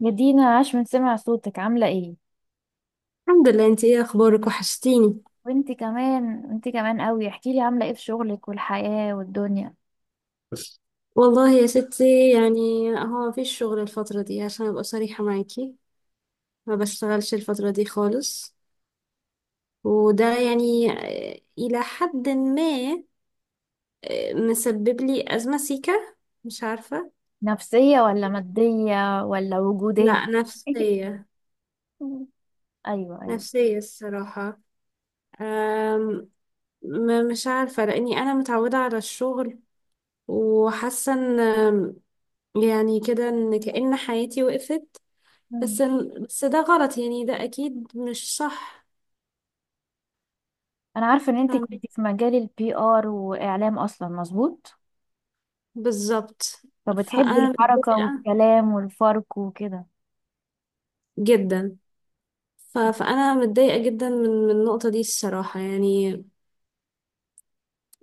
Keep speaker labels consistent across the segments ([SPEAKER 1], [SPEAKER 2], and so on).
[SPEAKER 1] يا دينا، عاش من سمع صوتك. عاملة ايه؟
[SPEAKER 2] الحمد لله. انت ايه اخبارك؟ وحشتيني.
[SPEAKER 1] وانت كمان قوي. احكيلي عاملة ايه في شغلك والحياة والدنيا.
[SPEAKER 2] والله يا ستي يعني هو مفيش شغل الفترة دي عشان ابقى صريحة معاكي، ما بشتغلش الفترة دي خالص. وده يعني، اه، الى حد ما اه، مسبب لي ازمة سيكة. مش عارفة.
[SPEAKER 1] نفسية ولا مادية ولا وجودية؟
[SPEAKER 2] لا نفسية،
[SPEAKER 1] ايوه، ايوه.
[SPEAKER 2] نفسية الصراحة. أم، مش عارفة لاني انا متعودة على الشغل وحاسة ان يعني كده ان كأن حياتي وقفت.
[SPEAKER 1] مم.
[SPEAKER 2] بس ده غلط، يعني ده أكيد مش صح.
[SPEAKER 1] انا عارفة ان انت
[SPEAKER 2] فاهمة،
[SPEAKER 1] كنت في مجال البي ار واعلام اصلا، مظبوط؟
[SPEAKER 2] بالظبط.
[SPEAKER 1] فبتحبي
[SPEAKER 2] فأنا
[SPEAKER 1] الحركة
[SPEAKER 2] متضايقة
[SPEAKER 1] والكلام والفرق وكده.
[SPEAKER 2] جدا. فأنا متضايقة جدا من النقطة دي الصراحة يعني.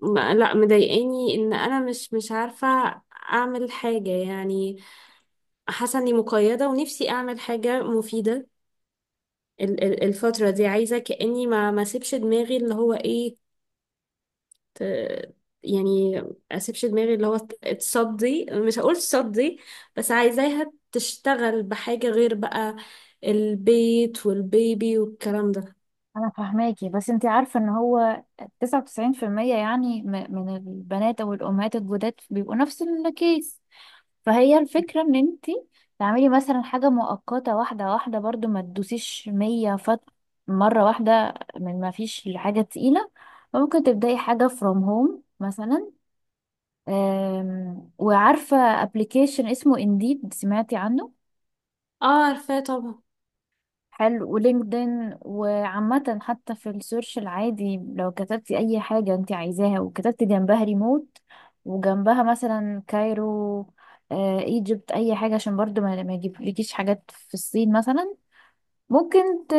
[SPEAKER 2] لا مضايقاني إن أنا مش عارفة أعمل حاجة يعني. حاسة إني مقيدة ونفسي أعمل حاجة مفيدة. الفترة دي عايزة كأني ما سيبش دماغي اللي هو إيه، ت- يعني اسيبش دماغي اللي هو، تصدي. مش هقول تصدي، بس عايزاها تشتغل بحاجة غير بقى، البيت والبيبي والكلام ده.
[SPEAKER 1] انا فاهماكي، بس انت عارفة ان هو 99% يعني، من البنات او الامهات الجداد بيبقوا نفس الكيس. فهي الفكرة ان انتي تعملي مثلا حاجة مؤقتة، واحدة واحدة، برضو ما تدوسيش مية فت، مرة واحدة، من ما فيش لحاجة تقيلة. ممكن تبدأي حاجة from home مثلا. وعارفة application اسمه Indeed؟ سمعتي عنه؟
[SPEAKER 2] اه، عارفاه طبعا.
[SPEAKER 1] حلو، ولينكدين، وعامة حتى في السيرش العادي لو كتبتي أي حاجة أنت عايزاها وكتبتي جنبها ريموت، وجنبها مثلا كايرو، ايجيبت، اي حاجة، عشان برضو ما يجيبلكيش حاجات في الصين مثلا. ممكن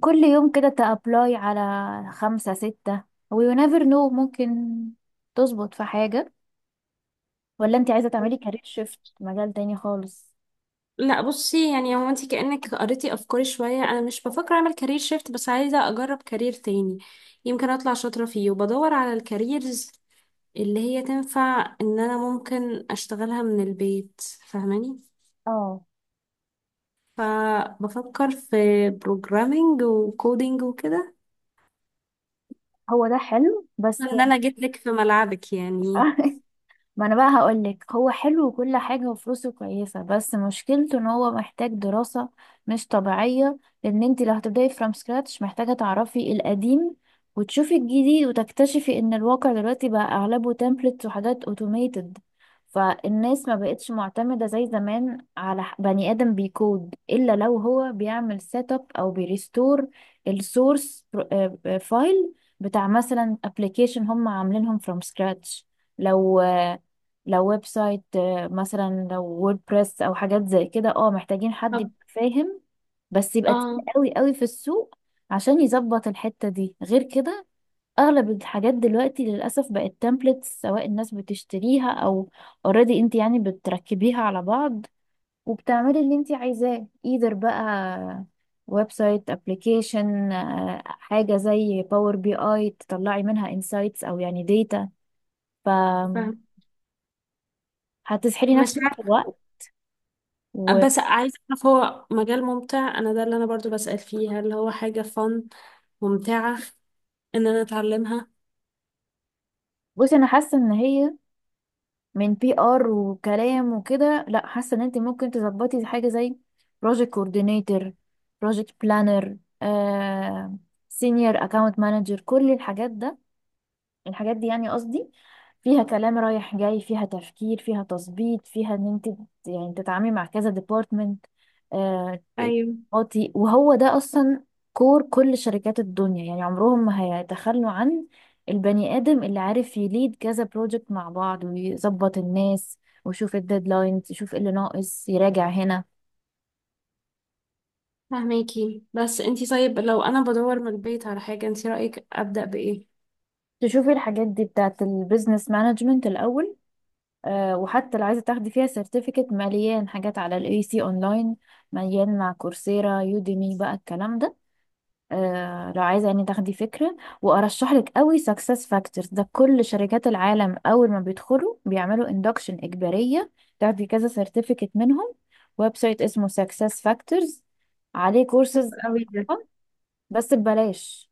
[SPEAKER 1] كل يوم كده تابلاي على خمسة ستة، ويو نيفر نو، ممكن تظبط في حاجة. ولا انت عايزة تعملي كارير شيفت، مجال تاني خالص؟
[SPEAKER 2] لا بصي، يعني هو انت كأنك قريتي افكاري شوية. انا مش بفكر اعمل كارير شيفت، بس عايزة اجرب كارير تاني يمكن اطلع شاطرة فيه، وبدور على الكاريرز اللي هي تنفع ان انا ممكن اشتغلها من البيت. فاهماني؟
[SPEAKER 1] اه،
[SPEAKER 2] فبفكر في بروجرامينج وكودينج وكده،
[SPEAKER 1] هو ده حلو بس.
[SPEAKER 2] ان انا جيت لك في ملعبك يعني.
[SPEAKER 1] ما انا بقى هقولك، هو حلو وكل حاجة وفلوسه كويسة، بس مشكلته ان هو محتاج دراسة مش طبيعية. لان انت لو هتبدأي فروم سكراتش محتاجة تعرفي القديم وتشوفي الجديد، وتكتشفي ان الواقع دلوقتي بقى اغلبه تمبلتس وحاجات اوتوميتد. فالناس ما بقتش معتمدة زي زمان على بني آدم بيكود، إلا لو هو بيعمل سيت اب أو بيريستور السورس فايل بتاع مثلا ابلكيشن هم عاملينهم فروم سكراتش. لو لو ويب سايت، مثلا لو ووردبريس او حاجات زي كده، اه محتاجين حد
[SPEAKER 2] طب.
[SPEAKER 1] يبقى فاهم، بس يبقى
[SPEAKER 2] اه،
[SPEAKER 1] تقيل قوي قوي في السوق عشان يظبط الحتة دي. غير كده اغلب الحاجات دلوقتي للاسف بقت تمبلتس، سواء الناس بتشتريها او اوريدي انت يعني بتركبيها على بعض وبتعملي اللي انت عايزاه، ايذر بقى ويب سايت، ابلكيشن، حاجة زي باور بي اي تطلعي منها انسايتس او يعني داتا. ف
[SPEAKER 2] فاهم.
[SPEAKER 1] هتسحلي
[SPEAKER 2] مش
[SPEAKER 1] نفسك في
[SPEAKER 2] عارفة،
[SPEAKER 1] الوقت.
[SPEAKER 2] بس عايزة اعرف هو مجال ممتع؟ انا ده اللي انا برضو بسأل فيه، هل هو حاجة فن ممتعة ان انا اتعلمها؟
[SPEAKER 1] بصي، انا حاسه ان هي من بي ار وكلام وكده، لا، حاسه ان انت ممكن تظبطي حاجه زي بروجكت كوردينيتور، بروجكت بلانر، سينيور اكاونت مانجر، كل الحاجات ده. الحاجات دي يعني، قصدي، فيها كلام رايح جاي، فيها تفكير، فيها تظبيط، فيها ان انت يعني تتعاملي مع كذا ديبارتمنت. آه ت-
[SPEAKER 2] ايوه
[SPEAKER 1] وهو ده اصلا كور كل شركات الدنيا. يعني عمرهم ما هيتخلوا عن البني ادم اللي عارف يليد كذا بروجكت مع بعض، ويظبط الناس، ويشوف الديدلاينز، يشوف اللي ناقص، يراجع هنا.
[SPEAKER 2] فهماكي. بس انتي طيب، لو انا بدور من البيت على حاجة، انتي رأيك ابدأ بايه؟
[SPEAKER 1] تشوفي الحاجات دي بتاعت البيزنس مانجمنت الاول. وحتى لو عايزة تاخدي فيها سيرتيفيكت، مليان حاجات على الاي سي اونلاين، مليان مع كورسيرا، يوديمي، بقى الكلام ده. لو عايزة يعني تاخدي فكرة، وارشح لك قوي سكسس فاكتورز. ده كل شركات العالم اول ما بيدخلوا بيعملوا اندكشن اجبارية، تاخدي كذا سيرتيفيكت منهم. ويب سايت اسمه سكسس فاكتورز، عليه كورسز،
[SPEAKER 2] قوي ده.
[SPEAKER 1] بس ببلاش.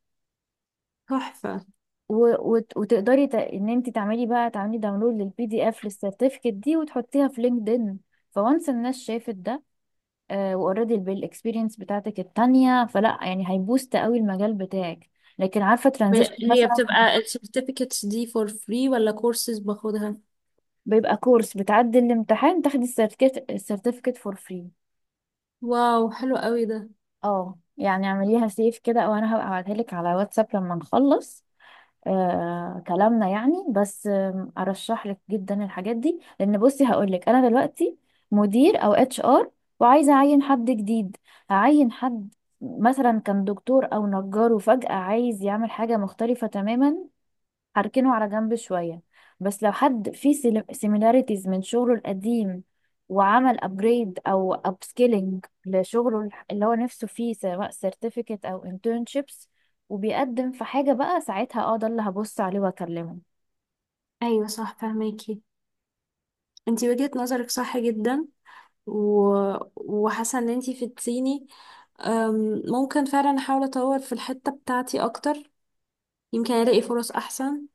[SPEAKER 2] تحفة.
[SPEAKER 1] وتقدري ان انت تعملي، بقى تعملي داونلود للبي دي اف للسيرتيفيكت دي، وتحطيها في لينكدين. فوانس الناس شافت ده واوريدي بالاكسبيرينس بتاعتك التانية، فلا يعني هيبوست قوي المجال بتاعك. لكن عارفة، ترانزيشن
[SPEAKER 2] هي
[SPEAKER 1] مثلا.
[SPEAKER 2] بتبقى السيرتيفيكتس دي فور فري ولا كورسز باخدها؟
[SPEAKER 1] بيبقى كورس، بتعدي الامتحان، تاخدي السيرتيفيكت. السيرتيفيكت فور فري.
[SPEAKER 2] واو، حلو قوي ده.
[SPEAKER 1] اه يعني اعمليها سيف كده، او انا هبقى ابعتها لك على واتساب لما نخلص كلامنا يعني. بس ارشح لك جدا الحاجات دي. لان بصي هقول لك، انا دلوقتي مدير او اتش ار، وعايزه اعين حد جديد. هعين حد مثلا كان دكتور او نجار، وفجأة عايز يعمل حاجه مختلفه تماما؟ هركنه على جنب شوية. بس لو حد فيه سيميلاريتيز من شغله القديم، وعمل ابجريد او upskilling لشغله، اللي هو نفسه فيه، سواء certificate او internships، وبيقدم في حاجة، بقى ساعتها اه ده اللي هبص عليه واكلمه.
[SPEAKER 2] ايوه صح، فهماكي. انتي وجهة نظرك صح جدا. و... وحاسه ان انتي فدتيني. ممكن فعلا احاول اطور في الحته بتاعتي اكتر يمكن الاقي فرص احسن.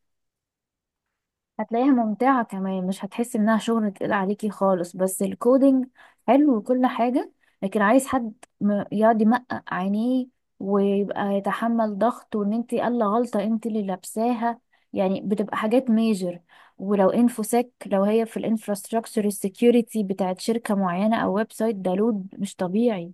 [SPEAKER 1] هتلاقيها ممتعة كمان، مش هتحس انها شغل تقيل عليكي خالص. بس الكودينج حلو وكل حاجة، لكن عايز حد يقعد يمقق عينيه، ويبقى يتحمل ضغط، وان انت قال غلطة انت اللي لابساها. يعني بتبقى حاجات ميجر. ولو انفوسيك، لو هي في الانفراستراكشر السكيورتي بتاعت شركة معينة او ويب سايت، ده لود مش طبيعي.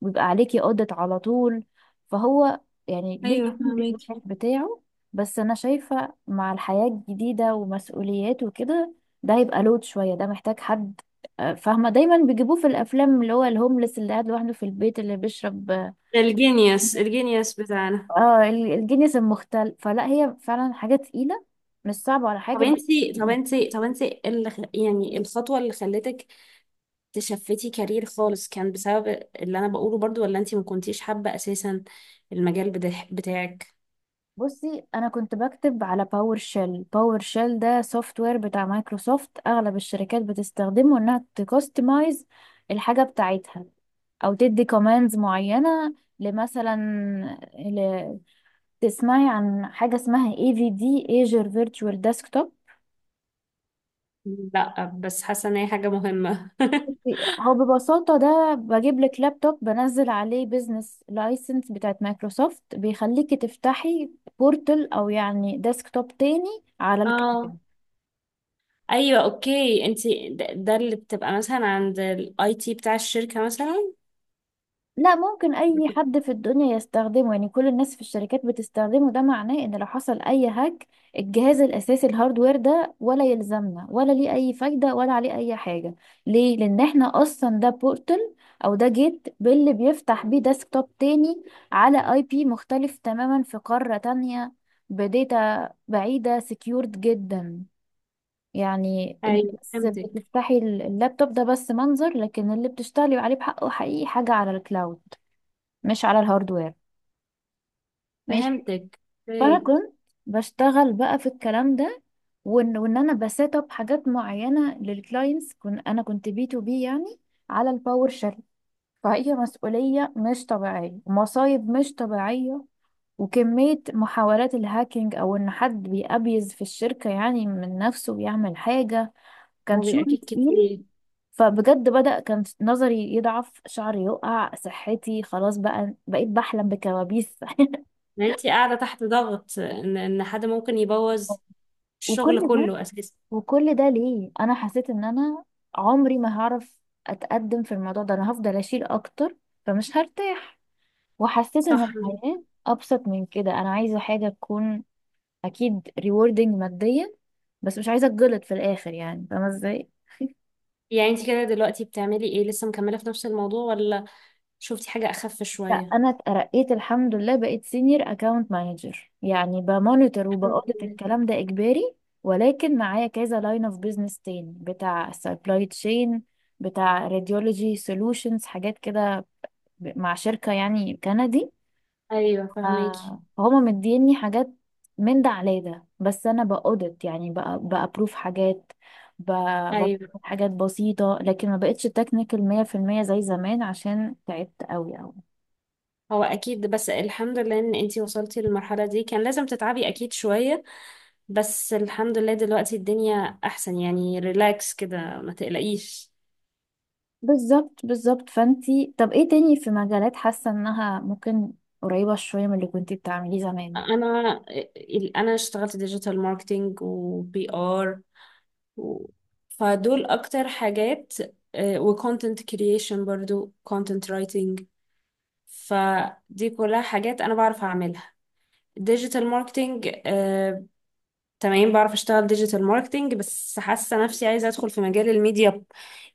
[SPEAKER 1] ويبقى عليكي audit على طول. فهو يعني ليه
[SPEAKER 2] ايوه
[SPEAKER 1] الحلو وليه
[SPEAKER 2] فهماكي.
[SPEAKER 1] الوحش بتاعه. بس انا شايفة مع الحياة الجديدة ومسؤوليات وكده، ده هيبقى لود شوية. ده محتاج حد، فاهمة، دايما بيجيبوه في الافلام، اللي هو الهوملس اللي قاعد لوحده في البيت اللي بيشرب.
[SPEAKER 2] ده الجينيوس، الجينيوس بتاعنا.
[SPEAKER 1] اه، الجنس المختل. فلا هي فعلا حاجة تقيلة، مش صعبة ولا
[SPEAKER 2] طب
[SPEAKER 1] حاجة.
[SPEAKER 2] انتي، إيه اللي يعني الخطوه اللي خلتك تشفتي كارير خالص؟ كان بسبب اللي انا بقوله برضو ولا انتي ما كنتيش حابه اساسا المجال بتاعك؟
[SPEAKER 1] بصي، انا كنت بكتب على باور شيل. باور شيل ده سوفت وير بتاع مايكروسوفت، اغلب الشركات بتستخدمه، انها تكستمايز الحاجه بتاعتها، او تدي كوماندز معينه لمثلا ل... تسمعي عن حاجه اسمها اي في دي، ايجر فيرتشوال ديسكتوب.
[SPEAKER 2] لا، بس حاسه ان هي حاجه مهمه.
[SPEAKER 1] هو ببساطه ده بجيب لك لابتوب، بنزل عليه بيزنس لايسنس بتاعت مايكروسوفت، بيخليكي تفتحي بورتل او يعني ديسكتوب تاني على
[SPEAKER 2] اه،
[SPEAKER 1] الكلاود.
[SPEAKER 2] ايوه اوكي. انت ده, اللي بتبقى مثلا عند الاي تي بتاع الشركه مثلا؟
[SPEAKER 1] لا، ممكن اي حد في الدنيا يستخدمه. يعني كل الناس في الشركات بتستخدمه. ده معناه ان لو حصل اي هاك، الجهاز الاساسي الهاردوير ده ولا يلزمنا، ولا ليه اي فايدة، ولا عليه اي حاجة. ليه؟ لان احنا اصلا ده بورتل، او ده جيت باللي بيفتح بيه ديسكتوب تاني على اي بي مختلف تماما في قارة تانية، بداتا بعيدة، سكيورد جدا. يعني انت
[SPEAKER 2] ايوه
[SPEAKER 1] بس
[SPEAKER 2] فهمتك.
[SPEAKER 1] بتفتحي اللابتوب ده بس منظر، لكن اللي بتشتغلي عليه بحقه حقيقي حاجة على الكلاود، مش على الهاردوير. ماشي.
[SPEAKER 2] فهمتك،
[SPEAKER 1] فانا
[SPEAKER 2] اوكي.
[SPEAKER 1] كنت بشتغل بقى في الكلام ده، وان انا بسيت اب حاجات معينه للكلاينتس، كن انا كنت بي تو بي يعني، على الباور شيل. فهي مسؤوليه مش طبيعيه، ومصايب مش طبيعيه، وكميه محاولات الهاكينج، او ان حد بيأبيز في الشركه يعني من نفسه بيعمل حاجه. كان
[SPEAKER 2] هو بيبقى
[SPEAKER 1] شغل
[SPEAKER 2] اكيد
[SPEAKER 1] تقيل.
[SPEAKER 2] كتير.
[SPEAKER 1] فبجد بدأ كان نظري يضعف، شعري يقع، صحتي خلاص، بقى بقيت بحلم بكوابيس.
[SPEAKER 2] يعني انت قاعده تحت ضغط ان حد ممكن يبوظ
[SPEAKER 1] وكل
[SPEAKER 2] الشغل
[SPEAKER 1] ده،
[SPEAKER 2] كله اساسا.
[SPEAKER 1] وكل ده، ليه؟ انا حسيت ان انا عمري ما هعرف اتقدم في الموضوع ده. انا هفضل اشيل اكتر، فمش هرتاح. وحسيت ان
[SPEAKER 2] صح.
[SPEAKER 1] الحياة ابسط من كده، انا عايزة حاجة تكون اكيد rewarding ماديا، بس مش عايزة اتجلط في الاخر يعني، فاهمة ازاي؟
[SPEAKER 2] يعني انت كده دلوقتي بتعملي ايه؟ لسه مكمله في نفس الموضوع ولا شفتي حاجه اخف
[SPEAKER 1] لا،
[SPEAKER 2] شويه؟
[SPEAKER 1] انا اترقيت الحمد لله. بقيت سينيور اكاونت مانجر، يعني بمونيتور،
[SPEAKER 2] الحمد
[SPEAKER 1] وبقولت
[SPEAKER 2] لله.
[SPEAKER 1] الكلام ده اجباري. ولكن معايا كذا لاين اوف بيزنس تاني، بتاع سبلاي تشين، بتاع راديولوجي سولوشنز، حاجات كده، مع شركة يعني كندي.
[SPEAKER 2] ايوه فهماكي.
[SPEAKER 1] هما مديني حاجات من ده على ده، بس انا باودت يعني، بأبروف حاجات، ب- بطلب
[SPEAKER 2] ايوه.
[SPEAKER 1] حاجات بسيطة. لكن ما بقتش تكنيكال 100% زي زمان، عشان تعبت قوي.
[SPEAKER 2] هو اكيد، بس الحمد لله ان انتي وصلتي للمرحله دي. كان لازم تتعبي اكيد شويه، بس الحمد لله دلوقتي الدنيا احسن. يعني ريلاكس كده، ما تقلقيش.
[SPEAKER 1] بالظبط، بالظبط. فانتي طب ايه تاني في مجالات حاسة انها ممكن قريبة شوية من اللي كنتي بتعمليه زمان؟
[SPEAKER 2] انا انا اشتغلت ديجيتال ماركتينج وبي ار، فدول اكتر حاجات. وكونتنت كرييشن، برضو كونتنت رايتنج. فدي كلها حاجات انا بعرف اعملها. ديجيتال ماركتينج، تمام بعرف اشتغل ديجيتال ماركتينج، بس حاسه نفسي عايزه ادخل في مجال الميديا،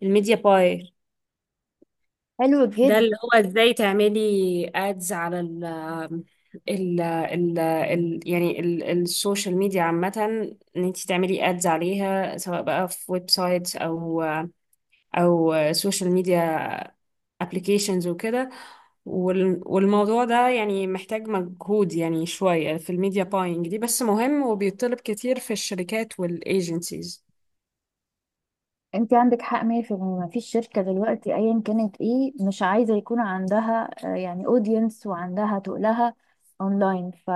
[SPEAKER 2] الميديا باير.
[SPEAKER 1] حلو
[SPEAKER 2] ده
[SPEAKER 1] جدا.
[SPEAKER 2] اللي هو ازاي تعملي ادز على ال يعني السوشيال ميديا عامة، ان انت تعملي ادز عليها سواء بقى في ويب سايتس او او سوشيال ميديا، ابلكيشنز وكده. والموضوع ده يعني محتاج مجهود يعني شوية في الميديا باينج دي، بس مهم وبيطلب كتير في الشركات والايجنسيز.
[SPEAKER 1] انتي عندك حق 100%. ما فيش شركة دلوقتي ايا كانت ايه مش عايزة يكون عندها، يعني اودينس، وعندها تقلها اونلاين. ف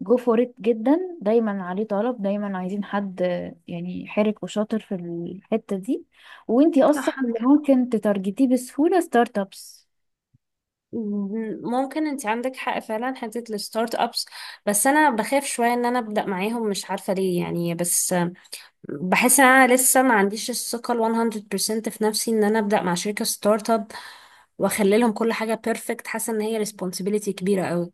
[SPEAKER 1] جو فور ات جدا، دايما عليه طلب، دايما عايزين حد يعني حرك وشاطر في الحتة دي. وانتي
[SPEAKER 2] صح.
[SPEAKER 1] اصلا اللي ممكن تتارجتيه بسهولة، ستارت ابس.
[SPEAKER 2] ممكن، انت عندك حق فعلا، حته الستارت ابس. بس انا بخاف شويه ان انا ابدا معاهم، مش عارفه ليه يعني، بس بحس ان انا لسه ما عنديش الثقه ال 100% في نفسي ان انا ابدا مع شركه ستارت اب واخلي لهم كل حاجه بيرفكت. حاسه ان هي ريسبونسبيلتي كبيره قوي.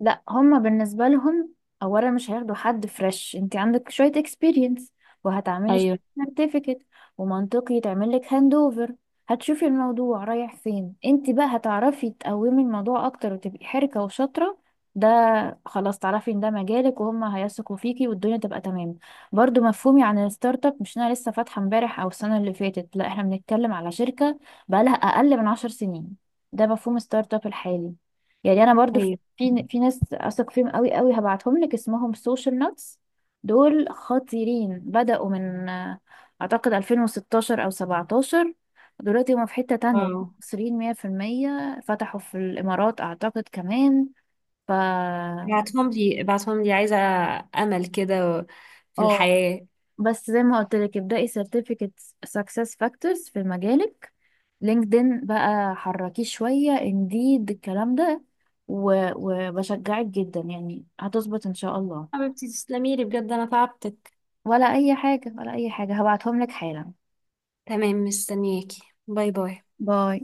[SPEAKER 1] لا هما بالنسبة لهم، اولا مش هياخدوا حد فريش، انت عندك شوية اكسبيرينس، وهتعملي
[SPEAKER 2] ايوه
[SPEAKER 1] سيرتيفيكت، ومنطقي تعمل لك هاند اوفر. هتشوفي الموضوع رايح فين. انت بقى هتعرفي تقومي الموضوع اكتر، وتبقي حركة وشاطرة. ده خلاص، تعرفي ان ده مجالك، وهما هيثقوا فيكي، والدنيا تبقى تمام. برضو مفهومي عن الستارت اب مش انا لسه فاتحة امبارح او السنة اللي فاتت. لا، احنا بنتكلم على شركة بقالها اقل من 10 سنين. ده مفهوم ستارت اب الحالي. يعني انا برضو
[SPEAKER 2] ايوه.
[SPEAKER 1] في ناس اثق فيهم قوي قوي، هبعتهم لك، اسمهم سوشيال نوتس. دول خطيرين، بدأوا من اعتقد 2016 او 17. دلوقتي هم في حتة تانية. وهم
[SPEAKER 2] اه
[SPEAKER 1] مصريين 100%، فتحوا في الامارات اعتقد كمان. ف
[SPEAKER 2] ابعتهم لي، ابعتهم لي، عايزه امل كده في
[SPEAKER 1] اه
[SPEAKER 2] الحياه.
[SPEAKER 1] بس زي ما قلت لك، ابدأي سيرتيفيكت سكسس فاكتورز في مجالك، لينكدين بقى حركيه شوية، انديد، الكلام ده. وبشجعك جدا، يعني هتظبط ان شاء الله.
[SPEAKER 2] حبيبتي تسلمي لي بجد، انا تعبتك.
[SPEAKER 1] ولا اي حاجة، ولا اي حاجة، هبعتهم لك حالا.
[SPEAKER 2] تمام، مستنياكي. باي باي.
[SPEAKER 1] باي.